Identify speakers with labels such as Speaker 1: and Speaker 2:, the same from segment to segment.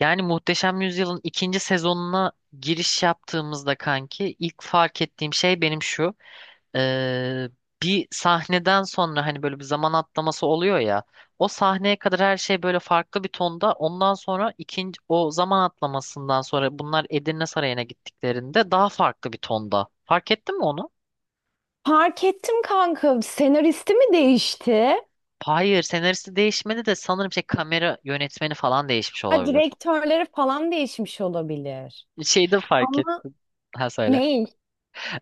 Speaker 1: Yani Muhteşem Yüzyıl'ın ikinci sezonuna giriş yaptığımızda kanki ilk fark ettiğim şey benim şu. Ee, bir sahneden sonra hani böyle bir zaman atlaması oluyor ya. O sahneye kadar her şey böyle farklı bir tonda. Ondan sonra ikinci o zaman atlamasından sonra bunlar Edirne Sarayı'na gittiklerinde daha farklı bir tonda. Fark ettin mi onu?
Speaker 2: Fark ettim kanka. Senaristi mi değişti?
Speaker 1: Hayır, senaristi değişmedi de sanırım şey kamera yönetmeni falan değişmiş
Speaker 2: Ha,
Speaker 1: olabilir.
Speaker 2: direktörleri falan değişmiş olabilir.
Speaker 1: Şeyde fark
Speaker 2: Ama
Speaker 1: ettim. Ha, söyle.
Speaker 2: ney?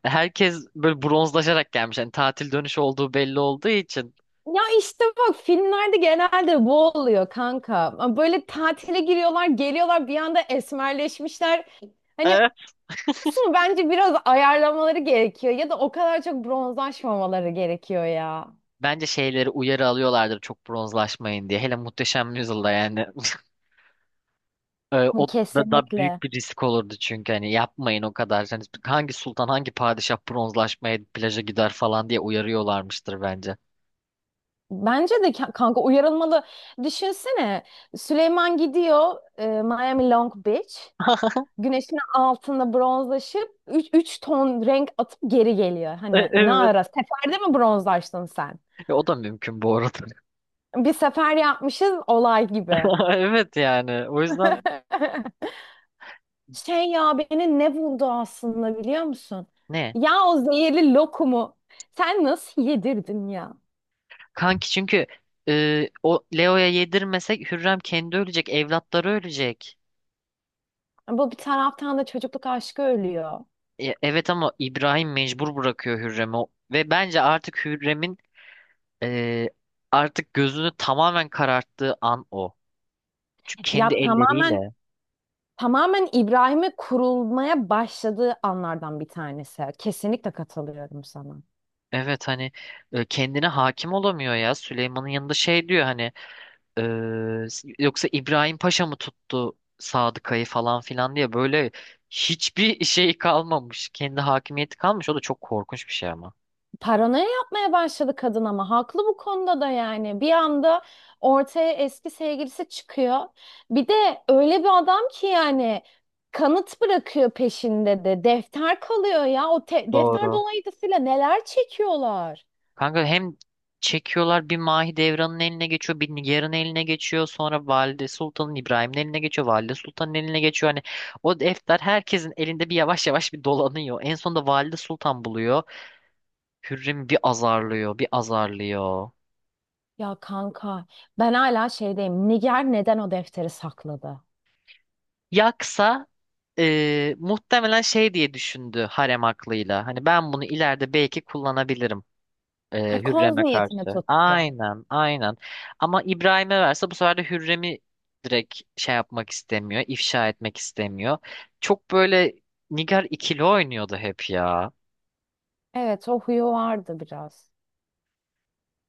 Speaker 1: Herkes böyle bronzlaşarak gelmiş. Yani tatil dönüşü olduğu belli olduğu için.
Speaker 2: Ya işte bak filmlerde genelde bu oluyor kanka. Böyle tatile giriyorlar, geliyorlar bir anda esmerleşmişler. Hani
Speaker 1: Evet.
Speaker 2: kısmı bence biraz ayarlamaları gerekiyor ya da o kadar çok bronzlaşmamaları gerekiyor ya.
Speaker 1: Bence şeyleri uyarı alıyorlardır çok bronzlaşmayın diye. Hele Muhteşem Yüzyılda yani. O da
Speaker 2: Kesinlikle.
Speaker 1: büyük bir risk olurdu, çünkü hani yapmayın o kadar. Hani hangi sultan hangi padişah bronzlaşmaya plaja gider falan diye uyarıyorlarmıştır bence.
Speaker 2: Bence de kanka uyarılmalı. Düşünsene Süleyman gidiyor Miami Long Beach. Güneşin altında bronzlaşıp üç ton renk atıp geri geliyor.
Speaker 1: E-
Speaker 2: Hani ne
Speaker 1: evet.
Speaker 2: ara? Seferde mi bronzlaştın sen?
Speaker 1: O da mümkün bu arada.
Speaker 2: Bir sefer yapmışız olay gibi.
Speaker 1: Evet yani o yüzden.
Speaker 2: Şey ya beni ne buldu aslında biliyor musun?
Speaker 1: Ne?
Speaker 2: Ya o zehirli lokumu sen nasıl yedirdin ya?
Speaker 1: Kanki çünkü o Leo'ya yedirmesek Hürrem kendi ölecek, evlatları ölecek.
Speaker 2: Bu bir taraftan da çocukluk aşkı ölüyor.
Speaker 1: Evet ama İbrahim mecbur bırakıyor Hürrem'i. Ve bence artık Hürrem'in e, artık gözünü tamamen kararttığı an o. Çünkü kendi
Speaker 2: Ya tamamen
Speaker 1: elleriyle.
Speaker 2: tamamen İbrahim'e kurulmaya başladığı anlardan bir tanesi. Kesinlikle katılıyorum sana.
Speaker 1: Evet, hani kendine hakim olamıyor ya. Süleyman'ın yanında şey diyor, hani e, yoksa İbrahim Paşa mı tuttu Sadıkayı falan filan diye, böyle hiçbir şey kalmamış. Kendi hakimiyeti kalmış. O da çok korkunç bir şey ama.
Speaker 2: Paranoya yapmaya başladı kadın ama haklı bu konuda da yani. Bir anda ortaya eski sevgilisi çıkıyor. Bir de öyle bir adam ki yani kanıt bırakıyor peşinde de. Defter kalıyor ya. Defter
Speaker 1: Doğru.
Speaker 2: dolayısıyla neler çekiyorlar.
Speaker 1: Kanka hem çekiyorlar, bir Mahidevran'ın eline geçiyor, bir Nigar'ın eline geçiyor. Sonra Valide Sultan'ın, İbrahim'in eline geçiyor. Valide Sultan'ın eline geçiyor. Hani o defter herkesin elinde bir yavaş yavaş bir dolanıyor. En sonunda Valide Sultan buluyor. Hürrem'i bir azarlıyor, bir azarlıyor.
Speaker 2: Ya kanka ben hala şeydeyim. Niger neden o defteri sakladı?
Speaker 1: Yaksa muhtemelen şey diye düşündü harem aklıyla. Hani ben bunu ileride belki kullanabilirim.
Speaker 2: Koz
Speaker 1: Hürrem'e
Speaker 2: niyetine
Speaker 1: karşı.
Speaker 2: tuttu.
Speaker 1: Aynen, aynen. Ama İbrahim'e verse bu sefer de Hürrem'i direkt şey yapmak istemiyor, ifşa etmek istemiyor. Çok böyle Nigar ikili oynuyordu hep ya.
Speaker 2: Evet, o huyu vardı biraz.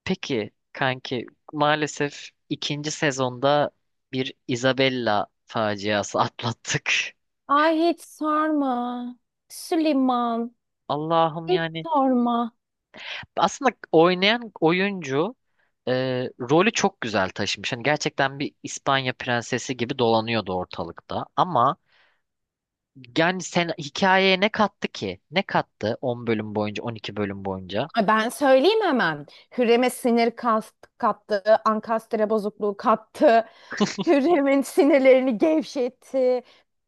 Speaker 1: Peki kanki, maalesef ikinci sezonda bir Isabella faciası atlattık.
Speaker 2: Ay hiç sorma. Süleyman,
Speaker 1: Allah'ım
Speaker 2: hiç
Speaker 1: yani.
Speaker 2: sorma.
Speaker 1: Aslında oynayan oyuncu e, rolü çok güzel taşımış. Hani gerçekten bir İspanya prensesi gibi dolanıyordu ortalıkta. Ama yani sen hikayeye ne kattı ki? Ne kattı 10 bölüm boyunca, 12 bölüm boyunca?
Speaker 2: Ay ben söyleyeyim hemen. Hürrem'e kattı, ankastre bozukluğu kattı. Hürrem'in sinirlerini gevşetti.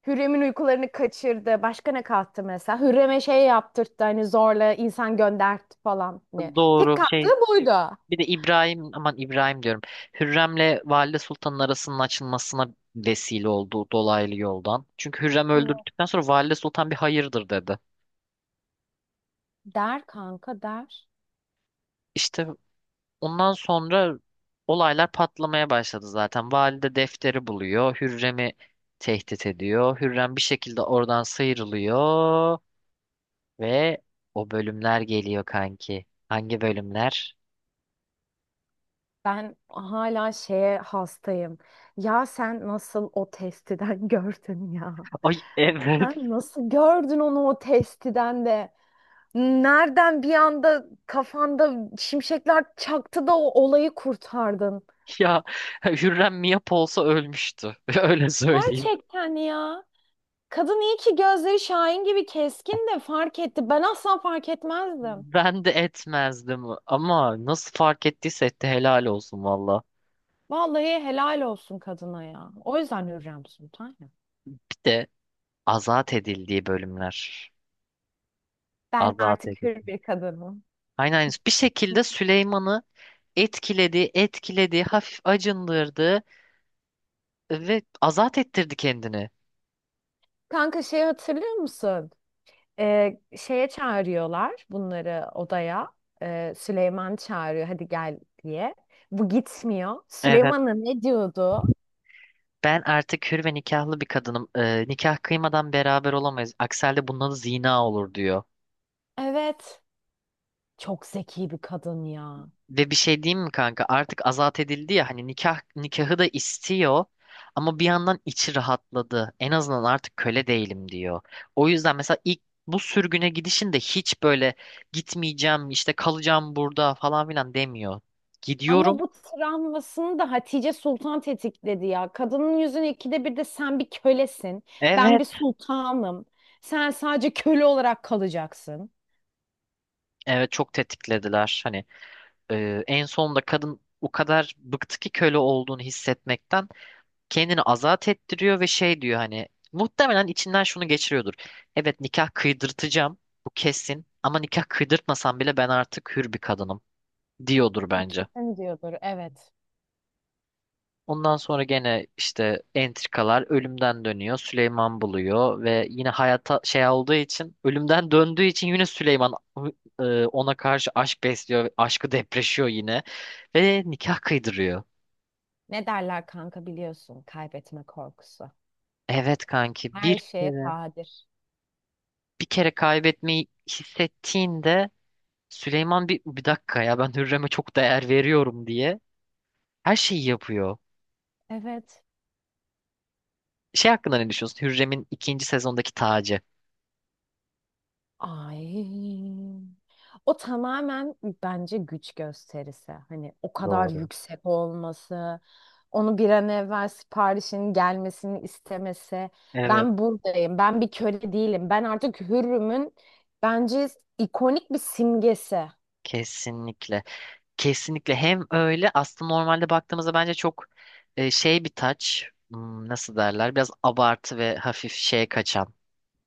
Speaker 2: Hürrem'in uykularını kaçırdı. Başka ne kattı mesela? Hürrem'e şey yaptırttı, hani zorla insan göndertti falan. Ne? Tek
Speaker 1: Doğru
Speaker 2: kattığı
Speaker 1: şey.
Speaker 2: buydu.
Speaker 1: Bir de İbrahim, aman İbrahim diyorum. Hürrem'le Valide Sultan'ın arasının açılmasına vesile oldu dolaylı yoldan. Çünkü Hürrem
Speaker 2: Evet.
Speaker 1: öldürdükten sonra Valide Sultan bir hayırdır dedi.
Speaker 2: Der kanka der.
Speaker 1: İşte ondan sonra olaylar patlamaya başladı zaten. Valide defteri buluyor. Hürrem'i tehdit ediyor. Hürrem bir şekilde oradan sıyrılıyor. Ve o bölümler geliyor kanki. Hangi bölümler?
Speaker 2: Ben hala şeye hastayım. Ya sen nasıl o testiden gördün ya?
Speaker 1: Ay evet,
Speaker 2: Sen nasıl gördün onu o testiden de? Nereden bir anda kafanda şimşekler çaktı da o olayı kurtardın?
Speaker 1: ya Hürrem Miyap olsa ölmüştü. Öyle söyleyeyim.
Speaker 2: Gerçekten ya. Kadın iyi ki gözleri Şahin gibi keskin de fark etti. Ben asla fark etmezdim.
Speaker 1: Ben de etmezdim ama nasıl fark ettiyse etti, helal olsun valla.
Speaker 2: Vallahi helal olsun kadına ya. O yüzden Hürrem Sultan ya.
Speaker 1: Bir de azat edildiği bölümler.
Speaker 2: Ben
Speaker 1: Azat
Speaker 2: artık hür
Speaker 1: edildi.
Speaker 2: bir kadınım.
Speaker 1: Aynen, aynen. Bir şekilde Süleyman'ı etkiledi, etkiledi, hafif acındırdı ve azat ettirdi kendini.
Speaker 2: Kanka şey hatırlıyor musun? Şeye çağırıyorlar bunları odaya. Süleyman çağırıyor hadi gel diye. Bu gitmiyor.
Speaker 1: Evet.
Speaker 2: Süleyman'a ne diyordu?
Speaker 1: Ben artık hür ve nikahlı bir kadınım. Nikah kıymadan beraber olamayız. Aksi halde bunun adı zina olur diyor.
Speaker 2: Evet. Çok zeki bir kadın ya.
Speaker 1: Ve bir şey diyeyim mi kanka? Artık azat edildi ya, hani nikah nikahı da istiyor ama bir yandan içi rahatladı. En azından artık köle değilim diyor. O yüzden mesela ilk bu sürgüne gidişinde hiç böyle gitmeyeceğim işte, kalacağım burada falan filan demiyor.
Speaker 2: Ama
Speaker 1: Gidiyorum.
Speaker 2: bu travmasını da Hatice Sultan tetikledi ya. Kadının yüzünü ikide bir de sen bir kölesin. Ben
Speaker 1: Evet.
Speaker 2: bir sultanım. Sen sadece köle olarak kalacaksın.
Speaker 1: Evet, çok tetiklediler. Hani en sonunda kadın o kadar bıktı ki köle olduğunu hissetmekten, kendini azat ettiriyor ve şey diyor, hani muhtemelen içinden şunu geçiriyordur. Evet, nikah kıydırtacağım bu kesin, ama nikah kıydırtmasam bile ben artık hür bir kadınım diyordur bence.
Speaker 2: Kesin diyordur, evet.
Speaker 1: Ondan sonra gene işte entrikalar, ölümden dönüyor. Süleyman buluyor ve yine hayata şey olduğu için, ölümden döndüğü için yine Süleyman ona karşı aşk besliyor. Aşkı depreşiyor yine ve nikah kıydırıyor.
Speaker 2: Ne derler kanka biliyorsun, kaybetme korkusu.
Speaker 1: Evet kanki,
Speaker 2: Her
Speaker 1: bir.
Speaker 2: şeye
Speaker 1: Evet.
Speaker 2: kadir.
Speaker 1: Bir kere kaybetmeyi hissettiğinde Süleyman, bir dakika ya ben Hürrem'e çok değer veriyorum diye her şeyi yapıyor.
Speaker 2: Evet.
Speaker 1: Şey hakkında ne düşünüyorsun? Hürrem'in ikinci sezondaki tacı.
Speaker 2: Ay. O tamamen bence güç gösterisi. Hani o kadar
Speaker 1: Doğru.
Speaker 2: yüksek olması, onu bir an evvel siparişin gelmesini istemesi.
Speaker 1: Evet.
Speaker 2: Ben buradayım, ben bir köle değilim. Ben artık hürrümün bence ikonik bir simgesi.
Speaker 1: Kesinlikle. Kesinlikle, hem öyle aslında normalde baktığımızda bence çok şey bir taç. Nasıl derler, biraz abartı ve hafif şeye kaçan.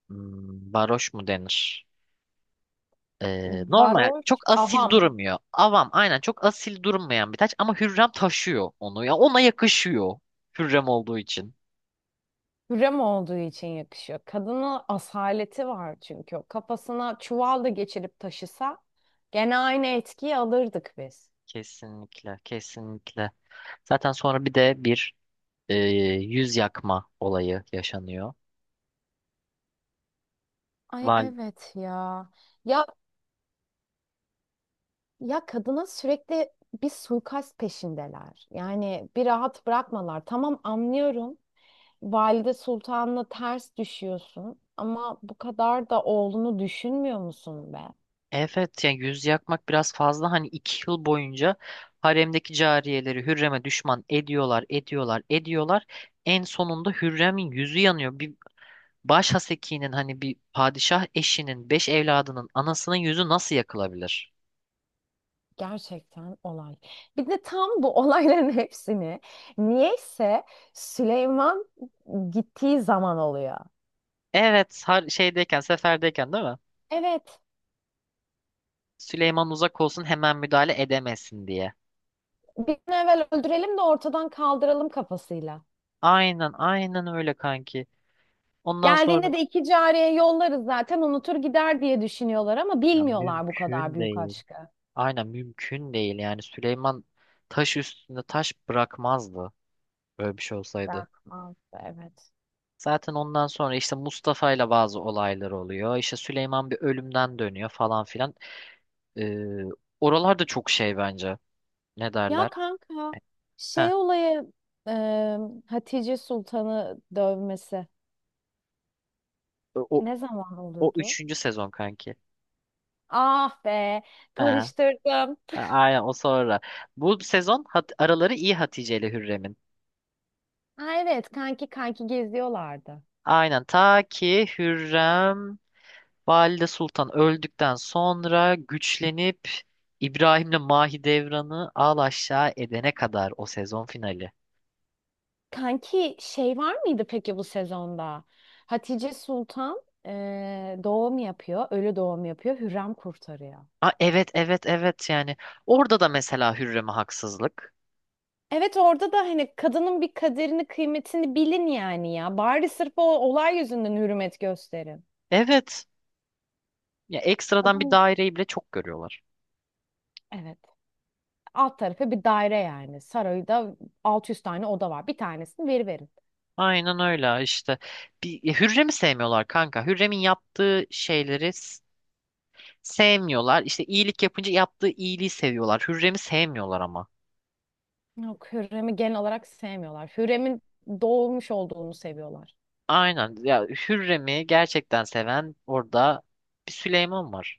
Speaker 1: Baroş mu denir? Normal
Speaker 2: Varoş,
Speaker 1: çok asil
Speaker 2: avam.
Speaker 1: durmuyor. Avam, aynen, çok asil durmayan bir taç ama Hürrem taşıyor onu ya, ona yakışıyor Hürrem olduğu için.
Speaker 2: Hürrem olduğu için yakışıyor. Kadının asaleti var çünkü. O kafasına çuval da geçirip taşısa gene aynı etkiyi alırdık biz.
Speaker 1: Kesinlikle, kesinlikle. Zaten sonra bir de bir e, yüz yakma olayı yaşanıyor.
Speaker 2: Ay
Speaker 1: Val
Speaker 2: evet ya. Ya ya kadına sürekli bir suikast peşindeler. Yani bir rahat bırakmalar. Tamam anlıyorum. Valide Sultan'la ters düşüyorsun ama bu kadar da oğlunu düşünmüyor musun be?
Speaker 1: evet, yani yüz yakmak biraz fazla. Hani 2 yıl boyunca haremdeki cariyeleri Hürrem'e düşman ediyorlar, ediyorlar, ediyorlar. En sonunda Hürrem'in yüzü yanıyor. Bir baş hasekinin, hani bir padişah eşinin, 5 evladının anasının yüzü nasıl yakılabilir?
Speaker 2: Gerçekten olay. Bir de tam bu olayların hepsini niyeyse Süleyman gittiği zaman oluyor.
Speaker 1: Evet, har şeydeyken, seferdeyken, değil mi?
Speaker 2: Evet,
Speaker 1: Süleyman uzak olsun, hemen müdahale edemesin diye.
Speaker 2: bir an evvel öldürelim de ortadan kaldıralım kafasıyla.
Speaker 1: Aynen aynen öyle kanki. Ondan sonra
Speaker 2: Geldiğinde de iki cariye yollarız zaten unutur gider diye düşünüyorlar ama
Speaker 1: ya,
Speaker 2: bilmiyorlar bu kadar
Speaker 1: mümkün
Speaker 2: büyük
Speaker 1: değil.
Speaker 2: aşkı.
Speaker 1: Aynen mümkün değil. Yani Süleyman taş üstünde taş bırakmazdı böyle bir şey olsaydı.
Speaker 2: Bırakmaz, evet.
Speaker 1: Zaten ondan sonra işte Mustafa ile bazı olaylar oluyor. İşte Süleyman bir ölümden dönüyor falan filan. Ee, oralar da çok şey bence. Ne
Speaker 2: Ya
Speaker 1: derler?
Speaker 2: kanka
Speaker 1: Heh,
Speaker 2: şey olayı, e, Hatice Sultan'ı dövmesi
Speaker 1: o, o,
Speaker 2: ne zaman
Speaker 1: o
Speaker 2: oluyordu?
Speaker 1: üçüncü sezon kanki.
Speaker 2: Ah be,
Speaker 1: Ha,
Speaker 2: karıştırdım.
Speaker 1: ha, aynen o sonra. Bu sezon araları iyi Hatice ile Hürrem'in.
Speaker 2: Ha evet kanki geziyorlardı.
Speaker 1: Aynen ta ki Hürrem Valide Sultan öldükten sonra güçlenip İbrahim'le Mahidevran'ı al aşağı edene kadar o sezon finali.
Speaker 2: Kanki şey var mıydı peki bu sezonda? Hatice Sultan doğum yapıyor, ölü doğum yapıyor, Hürrem kurtarıyor.
Speaker 1: Ha, evet, evet, evet, yani orada da mesela Hürrem'e haksızlık.
Speaker 2: Evet orada da hani kadının bir kaderini, kıymetini bilin yani ya. Bari sırf o olay yüzünden hürmet gösterin.
Speaker 1: Evet, ya ekstradan bir
Speaker 2: Kadın,
Speaker 1: daireyi bile çok görüyorlar.
Speaker 2: evet, alt tarafı bir daire yani. Sarayda 600 tane oda var. Bir tanesini veriverin.
Speaker 1: Aynen öyle işte. Bir, ya Hürrem'i sevmiyorlar kanka. Hürrem'in yaptığı şeyleri sevmiyorlar. İşte iyilik yapınca yaptığı iyiliği seviyorlar. Hürrem'i sevmiyorlar ama.
Speaker 2: Yok, Hürrem'i genel olarak sevmiyorlar. Hürrem'in doğmuş olduğunu seviyorlar.
Speaker 1: Aynen. Ya Hürrem'i gerçekten seven orada bir Süleyman var.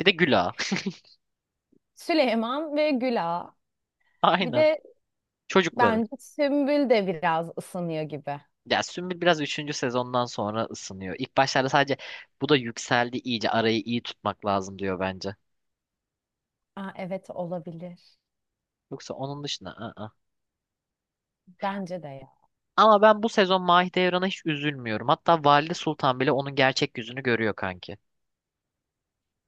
Speaker 1: Bir de Güla.
Speaker 2: Süleyman ve Güla. Bir
Speaker 1: Aynen.
Speaker 2: de
Speaker 1: Çocukları.
Speaker 2: bence Sümbül de biraz ısınıyor gibi.
Speaker 1: Ya Sümbül biraz üçüncü sezondan sonra ısınıyor. İlk başlarda sadece bu da yükseldi, iyice arayı iyi tutmak lazım diyor bence.
Speaker 2: Aa, evet olabilir.
Speaker 1: Yoksa onun dışında ı-ı.
Speaker 2: Bence de ya.
Speaker 1: Ama ben bu sezon Mahidevran'a hiç üzülmüyorum. Hatta Valide Sultan bile onun gerçek yüzünü görüyor kanki.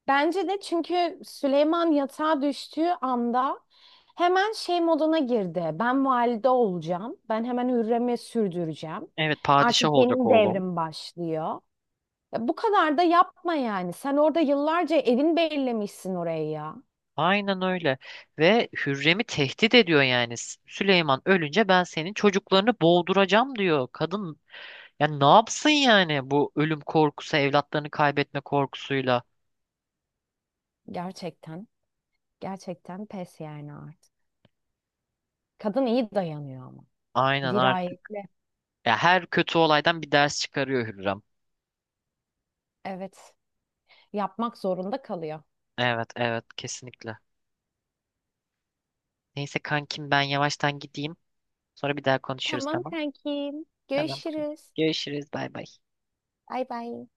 Speaker 2: Bence de çünkü Süleyman yatağa düştüğü anda hemen şey moduna girdi. Ben valide olacağım. Ben hemen Hürrem'i sürdüreceğim.
Speaker 1: Evet, padişah
Speaker 2: Artık
Speaker 1: olacak
Speaker 2: benim
Speaker 1: oğlum.
Speaker 2: devrim başlıyor. Ya bu kadar da yapma yani. Sen orada yıllarca evin bellemişsin orayı ya.
Speaker 1: Aynen öyle. Ve Hürrem'i tehdit ediyor yani. Süleyman ölünce ben senin çocuklarını boğduracağım diyor. Kadın yani ne yapsın yani, bu ölüm korkusu, evlatlarını kaybetme korkusuyla.
Speaker 2: Gerçekten. Gerçekten pes yani artık. Kadın iyi dayanıyor ama.
Speaker 1: Aynen artık.
Speaker 2: Dirayetli.
Speaker 1: Ya her kötü olaydan bir ders çıkarıyor Hürrem.
Speaker 2: Evet. Yapmak zorunda kalıyor.
Speaker 1: Evet, evet, kesinlikle. Neyse kankim, ben yavaştan gideyim. Sonra bir daha konuşuruz,
Speaker 2: Tamam
Speaker 1: tamam?
Speaker 2: kankim.
Speaker 1: Tamam.
Speaker 2: Görüşürüz.
Speaker 1: Görüşürüz. Bay bay.
Speaker 2: Bay bay.